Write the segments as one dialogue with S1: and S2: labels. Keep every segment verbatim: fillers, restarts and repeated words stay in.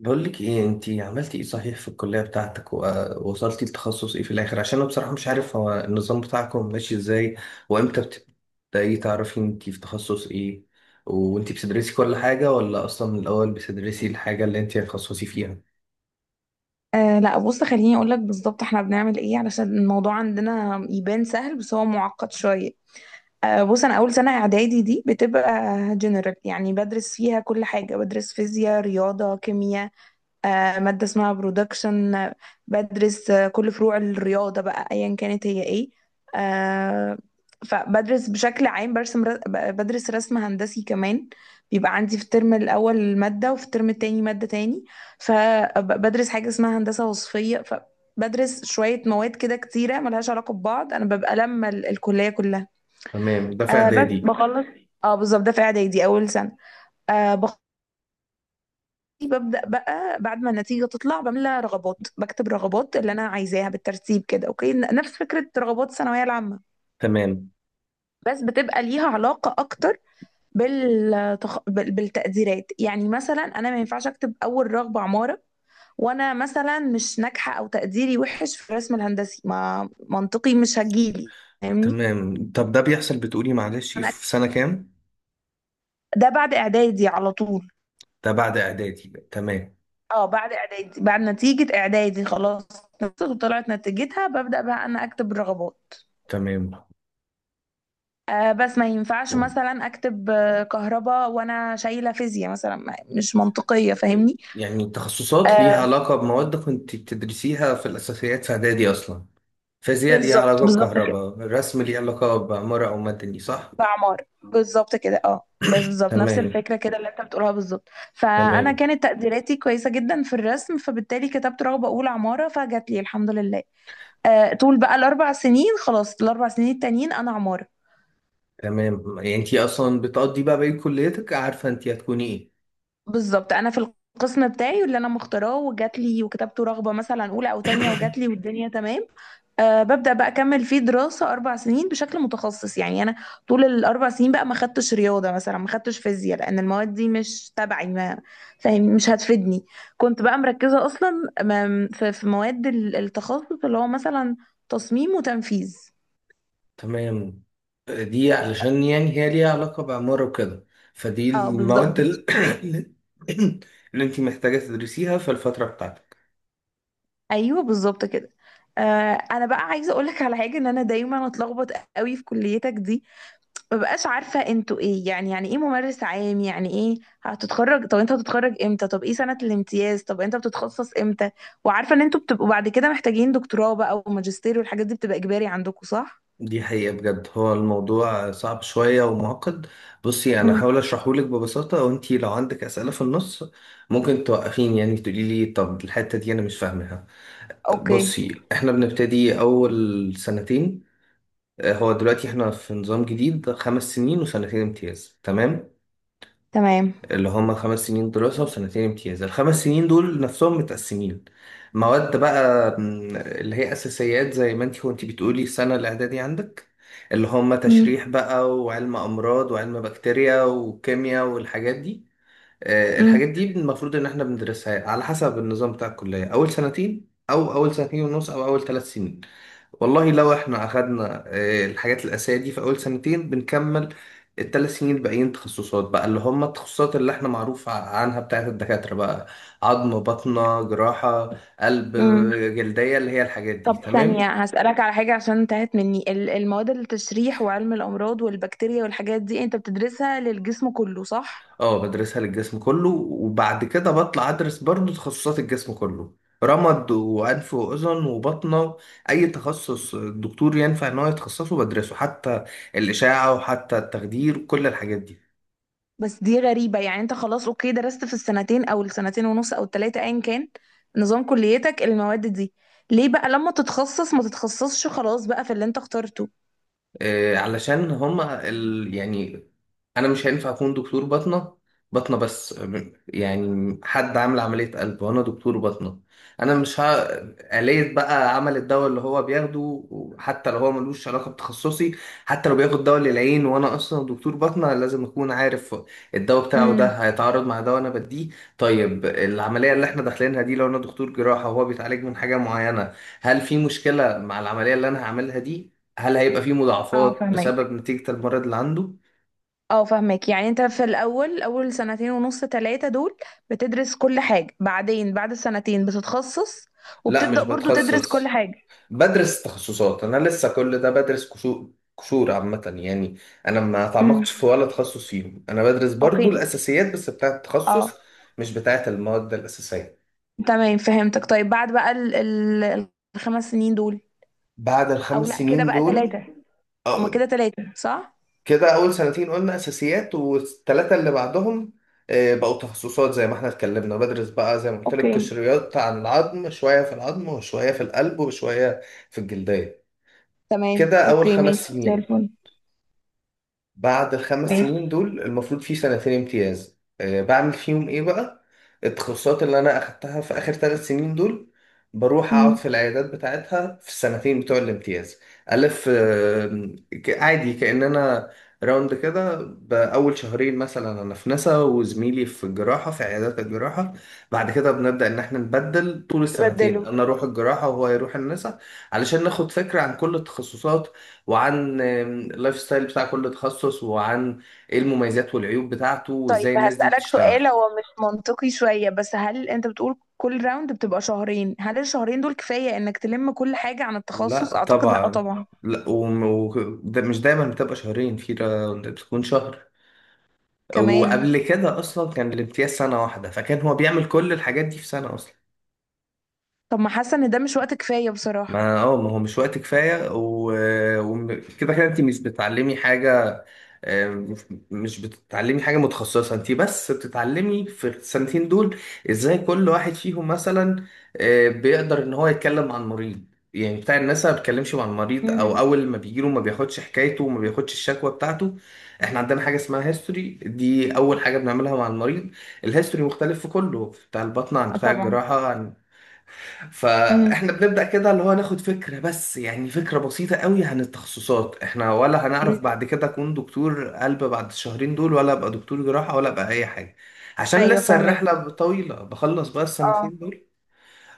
S1: بقول لك ايه، انتي عملتي ايه صحيح في الكلية بتاعتك، ووصلتي لتخصص ايه في الاخر؟ عشان انا بصراحة مش عارف هو النظام بتاعكم ماشي ازاي، وامتى بتبدأي تعرفي انتي في تخصص ايه، وانتي بتدرسي كل حاجة ولا اصلا من الاول بتدرسي الحاجة اللي انتي هتخصصي فيها؟
S2: أه، لا بص، خليني اقول لك بالظبط احنا بنعمل ايه علشان الموضوع عندنا يبان سهل، بس هو معقد شويه. أه، بص، انا اول سنه اعدادي دي بتبقى جنرال، يعني بدرس فيها كل حاجه، بدرس فيزياء، رياضه، كيمياء. آه، مادة اسمها برودكشن آه، بدرس آه، كل فروع الرياضة، بقى أيا كانت هي ايه آه، فبدرس بشكل عام، برسم ر- ب- بدرس رسم هندسي كمان. بيبقى عندي في الترم الأول مادة، وفي الترم التاني مادة تاني، فبدرس حاجة اسمها هندسة وصفية. فبدرس شوية مواد كده كتيرة ملهاش علاقة ببعض، أنا ببقى لما ال- الكلية كلها.
S1: تمام، ده في
S2: آه، بس
S1: اعدادي.
S2: بخلص. اه، بالظبط، ده في إعدادي أول سنة. آه، ببدأ بقى بعد ما النتيجة تطلع، بملى رغبات، بكتب رغبات اللي أنا عايزاها بالترتيب كده، أوكي، ن- نفس فكرة رغبات الثانوية العامة.
S1: تمام
S2: بس بتبقى ليها علاقة أكتر بالتخ... بال- بالتقديرات، يعني مثلا أنا ما ينفعش أكتب أول رغبة عمارة وأنا مثلا مش ناجحة، أو تقديري وحش في الرسم الهندسي، ما منطقي مش هجيلي. فاهمني؟
S1: تمام طب ده بيحصل بتقولي معلش ايه
S2: أنا
S1: في سنة كام؟
S2: ده بعد إعدادي على طول.
S1: ده بعد اعدادي. تمام
S2: اه، بعد اعدادي، بعد نتيجة اعدادي خلاص، وطلعت نتيجتها، ببدأ بقى انا اكتب الرغبات.
S1: تمام
S2: آه، بس ما ينفعش مثلا اكتب آه، كهرباء وانا شايله فيزياء مثلا، ما- مش منطقيه. فاهمني؟
S1: يعني التخصصات ليها
S2: آه،
S1: علاقة بمواد كنت بتدرسيها في الأساسيات في إعدادي أصلا، فيزياء ليها
S2: بالظبط
S1: علاقة
S2: بالظبط كده.
S1: بكهرباء، رسم ليه علاقة بعمارة أو مدني، صح؟
S2: بعمار بالظبط كده، اه بس بالظبط نفس
S1: تمام
S2: الفكره كده اللي انت بتقولها بالظبط. فانا
S1: تمام
S2: كانت تقديراتي كويسه جدا في الرسم، فبالتالي كتبت رغبه اولى عماره، فجات لي الحمد لله. آه، طول بقى الاربع سنين، خلاص الاربع سنين التانيين انا عماره.
S1: تمام يعني أنت أصلا بتقضي بقى بقية كليتك عارفة أنت هتكوني إيه.
S2: بالظبط، انا في القسم بتاعي واللي انا مختاراه وجات لي، وكتبت رغبه مثلا اولى او تانية وجات لي والدنيا تمام. أه، ببدأ بقى أكمل فيه دراسة أربع سنين بشكل متخصص، يعني أنا طول الأربع سنين بقى ما خدتش رياضة مثلا، ما خدتش فيزياء، لأن المواد دي مش تبعي، ما فاهم، مش هتفيدني. كنت بقى مركزة أصلا م- في في مواد ال- التخصص اللي هو مثلا تصميم وتنفيذ.
S1: تمام، دي علشان يعني هي ليها علاقة بعمارة وكده، فدي
S2: اه
S1: المواد
S2: بالظبط.
S1: ال- اللي أنت محتاجة تدرسيها في الفترة بتاعتك.
S2: أيوه بالظبط كده. أه. أنا بقى عايزة أقولك على حاجة، إن أنا دايما أتلخبط قوي في كليتك دي. ما بقاش عارفة انتوا ايه؟ يعني يعني ايه ممارس عام؟ يعني ايه هتتخرج؟ طب انت هتتخرج امتى؟ طب ايه سنة الامتياز؟ طب انت بتتخصص امتى؟ وعارفة ان انتوا بتبقوا بعد كده محتاجين دكتوراه بقى، وماجستير، والحاجات دي بتبقى اجباري عندكم، صح؟
S1: دي حقيقة بجد هو الموضوع صعب شوية ومعقد. بصي، أنا
S2: مم.
S1: هحاول أشرحهولك ببساطة، وأنتي لو عندك أسئلة في النص ممكن توقفيني، يعني تقولي لي طب الحتة دي أنا مش فاهمها.
S2: اوكي
S1: بصي، إحنا بنبتدي أول سنتين. آه، هو دلوقتي إحنا في نظام جديد، خمس سنين وسنتين امتياز. تمام،
S2: تمام.
S1: اللي هم خمس سنين دراسة وسنتين امتياز. الخمس سنين دول نفسهم متقسمين مواد بقى، م، اللي هي أساسيات زي ما انتي، وانتي بتقولي السنة الإعدادي عندك، اللي هم
S2: مم.
S1: تشريح بقى، وعلم أمراض، وعلم بكتيريا، وكيمياء، والحاجات دي. آه، الحاجات
S2: مم.
S1: دي المفروض إن احنا بندرسها على حسب النظام بتاع الكلية أول سنتين، أو أول سنتين ونص، أو أول ثلاث سنين. والله لو احنا اخدنا آه، الحاجات الاساسيه دي في اول سنتين، بنكمل الثلاث سنين الباقيين تخصصات بقى، اللي هم التخصصات اللي احنا معروف ع- عنها بتاعت الدكاتره بقى. عظم، باطنه، جراحه، قلب،
S2: مم.
S1: آه، جلديه، اللي هي الحاجات دي.
S2: طب ثانية
S1: تمام.
S2: هسألك على حاجة، عشان انتهت مني ال- المواد، التشريح وعلم الأمراض والبكتيريا والحاجات دي انت بتدرسها للجسم كله، صح؟
S1: اه بدرسها للجسم كله، وبعد كده بطلع ادرس برضو تخصصات الجسم كله: رمد، وانف واذن، وبطنه. اي تخصص الدكتور ينفع ان هو يتخصصه بدرسه، حتى الاشاعه، وحتى التخدير، وكل الحاجات دي.
S2: بس دي غريبة، يعني انت خلاص اوكي، درست في السنتين او السنتين ونص او التلاتة ايا كان نظام كليتك المواد دي. ليه بقى لما تتخصص ما تتخصصش خلاص بقى في اللي انت اخترته؟
S1: آه، علشان هما ال... يعني انا مش هينفع اكون دكتور باطنة، باطنة بس م- يعني حد عامل عملية قلب وانا دكتور باطنة، انا مش ه... آلية بقى عمل الدواء اللي هو بياخده، حتى لو هو ملوش علاقة بتخصصي، حتى لو بياخد دواء للعين وانا اصلا دكتور باطنة، لازم اكون عارف الدواء بتاعه
S2: امم.
S1: ده هيتعارض مع دواء انا بديه. طيب، العملية اللي احنا داخلينها دي، لو انا دكتور جراحة وهو بيتعالج من حاجة معينة، هل في مشكلة مع العملية اللي انا هعملها دي؟ هل هيبقى فيه
S2: اه
S1: مضاعفات
S2: فهمك.
S1: بسبب نتيجة المرض اللي عنده؟
S2: اه فاهمك، يعني انت في الاول اول سنتين ونص تلاتة دول بتدرس كل حاجة، بعدين بعد السنتين بتتخصص،
S1: لا، مش
S2: وبتبدأ برضو تدرس كل
S1: بتخصص،
S2: حاجة.
S1: بدرس تخصصات. أنا لسه كل ده بدرس كشو- قشور عامة يعني، أنا ما
S2: امم.
S1: تعمقتش في ولا تخصص فيهم. أنا بدرس برضو
S2: اوكي.
S1: الأساسيات بس بتاعة
S2: اه.
S1: التخصص، مش بتاعة المواد الأساسية.
S2: تمام فهمتك. طيب بعد بقى ال ال الخمس سنين دول،
S1: بعد
S2: او
S1: الخمس
S2: لا كده
S1: سنين
S2: بقى
S1: دول،
S2: تلاتة، هما
S1: أو-
S2: كده تلاتة صح؟
S1: كده أول سنتين قلنا أساسيات، والثلاثة اللي بعدهم آه، بقوا تخصصات زي ما احنا اتكلمنا. بدرس بقى زي ما قلت لك
S2: اوكي
S1: قشريات: عن العظم شوية، في العظم وشوية في القلب وشوية في الجلدية.
S2: تمام.
S1: كده أول
S2: اوكي
S1: خمس
S2: ماشي زي
S1: سنين
S2: الفل.
S1: بعد الخمس
S2: ماشي.
S1: سنين دول المفروض في سنتين امتياز. آه، بعمل فيهم إيه بقى؟ التخصصات اللي أنا أخدتها في آخر ثلاث سنين دول، بروح أقعد
S2: مم.
S1: في العيادات بتاعتها في السنتين بتوع الامتياز. ألف آه، ك- عادي كأننا راوند كده. بأول شهرين مثلا أنا في نسا، وزميلي في الجراحة في عيادات الجراحة. بعد كده بنبدأ إن إحنا نبدل طول السنتين،
S2: تبدله.
S1: أنا أروح الجراحة وهو يروح النسا، علشان ناخد فكرة عن كل التخصصات، وعن اللايف ستايل بتاع كل تخصص، وعن ايه المميزات والعيوب بتاعته،
S2: طيب
S1: وازاي الناس دي
S2: هسألك
S1: بتشتغل.
S2: سؤال، هو مش منطقي شوية، بس هل انت بتقول كل راوند بتبقى شهرين؟ هل الشهرين دول كفاية انك تلم كل حاجة عن التخصص؟
S1: لا
S2: اعتقد لا
S1: طبعا،
S2: طبعا.
S1: لا وم- و... ده مش دايما بتبقى شهرين، في را- بتكون شهر.
S2: كمان.
S1: وقبل كده اصلا كان الامتياز سنة واحدة، فكان هو بيعمل كل الحاجات دي في سنة اصلا.
S2: طب ما حاسة ان ده مش وقت كفاية بصراحة.
S1: ما اه ما هو مش وقت كفاية وكده. و... وم- كده كده انت مش بتعلمي حاجة، مش مش بتتعلمي حاجة متخصصة. انت بس بتتعلمي في السنتين دول ازاي كل واحد فيهم مثلا آه، بيقدر ان هو يتكلم مع المريض. يعني بتاع الناس ما بيتكلمش مع المريض، او
S2: امم.
S1: اول ما بيجيله ما بياخدش حكايته وما بياخدش الشكوى بتاعته. احنا عندنا حاجة اسمها هيستوري، دي اول حاجة بنعملها مع المريض. الهيستوري مختلف في كله، بتاع البطن عن بتاع
S2: طبعا.
S1: الجراحة.
S2: امم.
S1: فاحنا بنبدأ كده اللي هو ناخد فكرة بس، يعني فكرة بسيطة قوي عن التخصصات احنا، ولا هنعرف بعد كده اكون دكتور قلب بعد الشهرين دول، ولا ابقى دكتور جراحة، ولا ابقى اي حاجة. عشان
S2: ايوه
S1: لسه
S2: فاهمك.
S1: الرحلة طويلة. بخلص بقى
S2: اه.
S1: السنتين دول،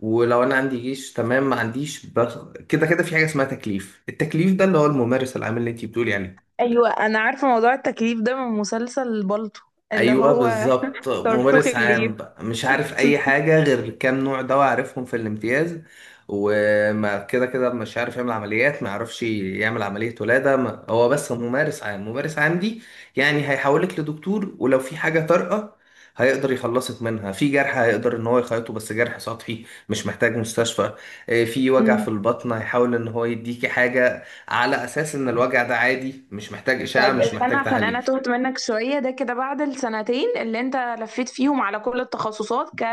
S1: ولو انا عندي جيش تمام ما عنديش بخ... كده كده في حاجة اسمها تكليف. التكليف ده اللي هو الممارس العام اللي انتي بتقولي عليه.
S2: ايوه انا عارفة موضوع التكليف ده من مسلسل بالطو. اللي
S1: ايوه
S2: هو
S1: بالظبط،
S2: صرصوخ
S1: ممارس
S2: الليل.
S1: عام بقى مش عارف اي حاجه غير كام نوع دواء عارفهم في الامتياز. وما كده كده مش عارف يعمل عمليات، ما يعرفش يعمل عمليه ولاده، ما هو بس ممارس عام. ممارس عام دي يعني هيحولك لدكتور، ولو في حاجه طارئه هيقدر يخلصك منها، في جرح هيقدر ان هو يخيطه، بس جرح سطحي مش محتاج مستشفى. إيه، في وجع في البطن هيحاول ان هو يديكي حاجه على اساس ان الوجع ده عادي مش محتاج اشعه
S2: طيب
S1: مش
S2: استنى،
S1: محتاج
S2: عشان انا
S1: تحاليل.
S2: تهت منك شوية. ده كده بعد السنتين اللي انت لفيت فيهم على كل التخصصات ك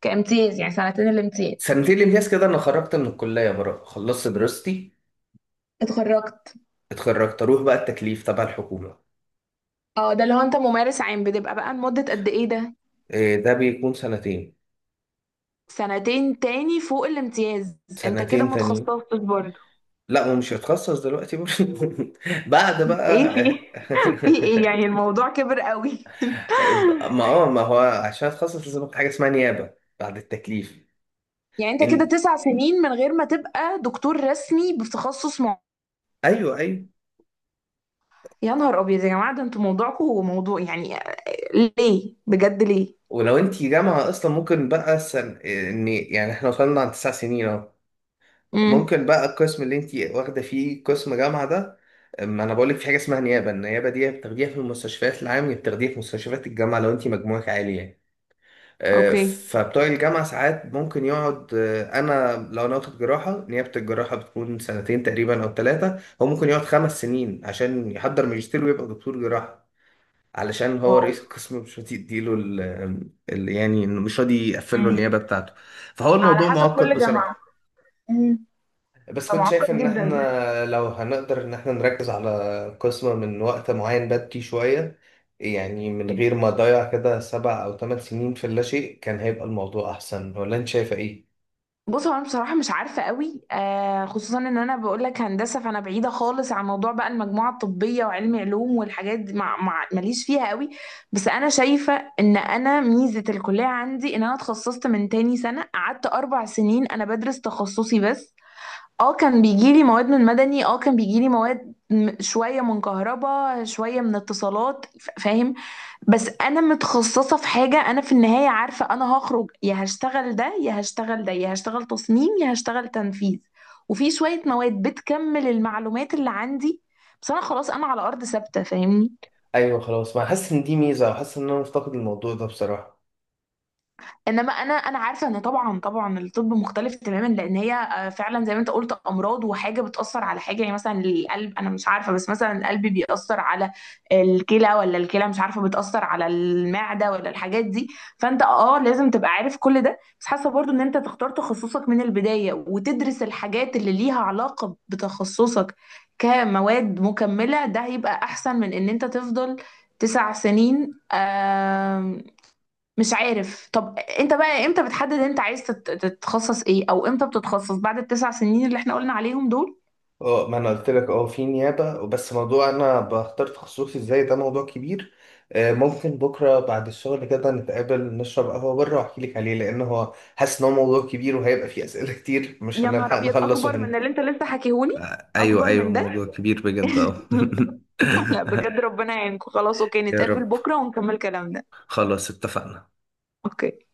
S2: كامتياز، يعني سنتين الامتياز.
S1: سنتين الامتياز كده انا خرجت من الكليه بره، خلصت دراستي،
S2: اتخرجت.
S1: اتخرجت، اروح بقى التكليف تبع الحكومه.
S2: اه، ده اللي هو انت ممارس عام بتبقى بقى لمدة قد ايه ده؟
S1: إيه ده؟ بيكون سنتين.
S2: سنتين تاني فوق الامتياز؟ انت كده
S1: سنتين
S2: ما
S1: تانيين.
S2: اتخصصتش برضه؟
S1: لا، ومش هتخصص دلوقتي برضه بعد بقى.
S2: ايه في في ايه يعني، الموضوع كبر قوي؟
S1: ما اه ما هو عشان اتخصص لازم أخد حاجه اسمها نيابه بعد التكليف.
S2: يعني انت كده
S1: ان
S2: تسع سنين من غير ما تبقى دكتور رسمي بتخصص معين؟
S1: ايوه، ايوه.
S2: يا نهار ابيض يا جماعة، ده انتوا موضوعكم موضوع يعني، آه، ليه بجد ليه؟
S1: ولو انت جامعه اصلا، ممكن بقى سن... ان يعني احنا وصلنا عن تسع سنين اهو.
S2: امم.
S1: ممكن بقى القسم اللي انت واخده فيه قسم جامعه ده. ما انا بقول لك في حاجه اسمها نيابه. النيابه دي بتاخديها في المستشفيات العام، يا بتاخديها في مستشفيات الجامعه لو انت مجموعك عالي يعني. آه،
S2: اوكي.
S1: فبتوع الجامعه ساعات ممكن يقعد، آه، انا لو انا واخد جراحه، نيابه الجراحه بتكون سنتين تقريبا او ثلاثه، هو ممكن يقعد خمس سنين عشان يحضر ماجستير ويبقى دكتور جراحه، علشان هو
S2: واو.
S1: رئيس القسم مش راضي يديله ال ال- يعني مش راضي يقفل له
S2: مم.
S1: النيابه بتاعته. فهو
S2: على
S1: الموضوع
S2: حسب
S1: معقد
S2: كل
S1: بصراحه.
S2: جامعة. مم.
S1: بس
S2: ده
S1: كنت شايف
S2: معقد
S1: ان
S2: جدا ده.
S1: احنا لو هنقدر ان احنا نركز على قسم من وقت معين بدري شوية، يعني من غير ما اضيع كده سبع او ثمان سنين في اللاشيء، كان هيبقى الموضوع احسن، ولا انت شايفة ايه؟
S2: بص، هو انا بصراحه مش عارفه قوي، آه خصوصا ان انا بقول لك هندسه، فانا بعيده خالص عن موضوع بقى المجموعه الطبيه وعلمي علوم والحاجات دي، مع مع ماليش فيها قوي. بس انا شايفه ان انا ميزه الكليه عندي، ان انا اتخصصت من تاني سنه، قعدت اربع سنين انا بدرس تخصصي بس. اه كان بيجيلي مواد من مدني، اه كان بيجيلي مواد م- شويه من كهرباء، شويه من اتصالات، ف- فاهم. بس انا متخصصه في حاجه، انا في النهايه عارفه انا هخرج يا هشتغل ده يا هشتغل ده يا هشتغل تصميم يا هشتغل تنفيذ. وفي شويه مواد بتكمل المعلومات اللي عندي. بس انا خلاص انا على ارض ثابته. فاهمني؟
S1: ايوه خلاص، ما حاسس ان دي ميزة، وحاسس ان انا مفتقد الموضوع ده بصراحة.
S2: انما انا انا عارفه ان طبعا طبعا الطب مختلف تماما، لان هي آه، فعلا زي ما انت قلت امراض، وحاجه بتاثر على حاجه، يعني مثلا القلب انا مش عارفه، بس مثلا القلب بيأثر على الكلى، ولا الكلى مش عارفه بتأثر على المعده ولا الحاجات دي. فانت اه لازم تبقى عارف كل ده، بس حاسه برضو ان انت تختار تخصصك من البدايه وتدرس الحاجات اللي ليها علاقه بتخصصك كمواد مكمله، ده هيبقى احسن من ان انت تفضل تسع سنين. مش عارف. طب انت بقى امتى بتحدد انت عايز تت- تتخصص ايه؟ او امتى بتتخصص بعد التسع سنين اللي احنا قلنا عليهم دول؟
S1: اه، ما انا قلت لك اه في نيابة. بس موضوع انا بختار تخصصي ازاي، ده موضوع كبير. آه، ممكن بكرة بعد الشغل كده نتقابل نشرب قهوة بره واحكي لك عليه، لان هو حاسس ان هو موضوع كبير وهيبقى فيه اسئلة كتير مش
S2: يا نهار
S1: هنلحق
S2: ابيض،
S1: نخلصه
S2: اكبر
S1: هنا.
S2: من اللي انت لسه حكيهولي؟
S1: ايوه
S2: اكبر
S1: ايوه
S2: من ده؟
S1: موضوع كبير بجد اه.
S2: لا بجد ربنا يعينكم. خلاص اوكي،
S1: يا
S2: نتقابل
S1: رب.
S2: بكره ونكمل كلامنا.
S1: خلاص، اتفقنا.
S2: اوكي.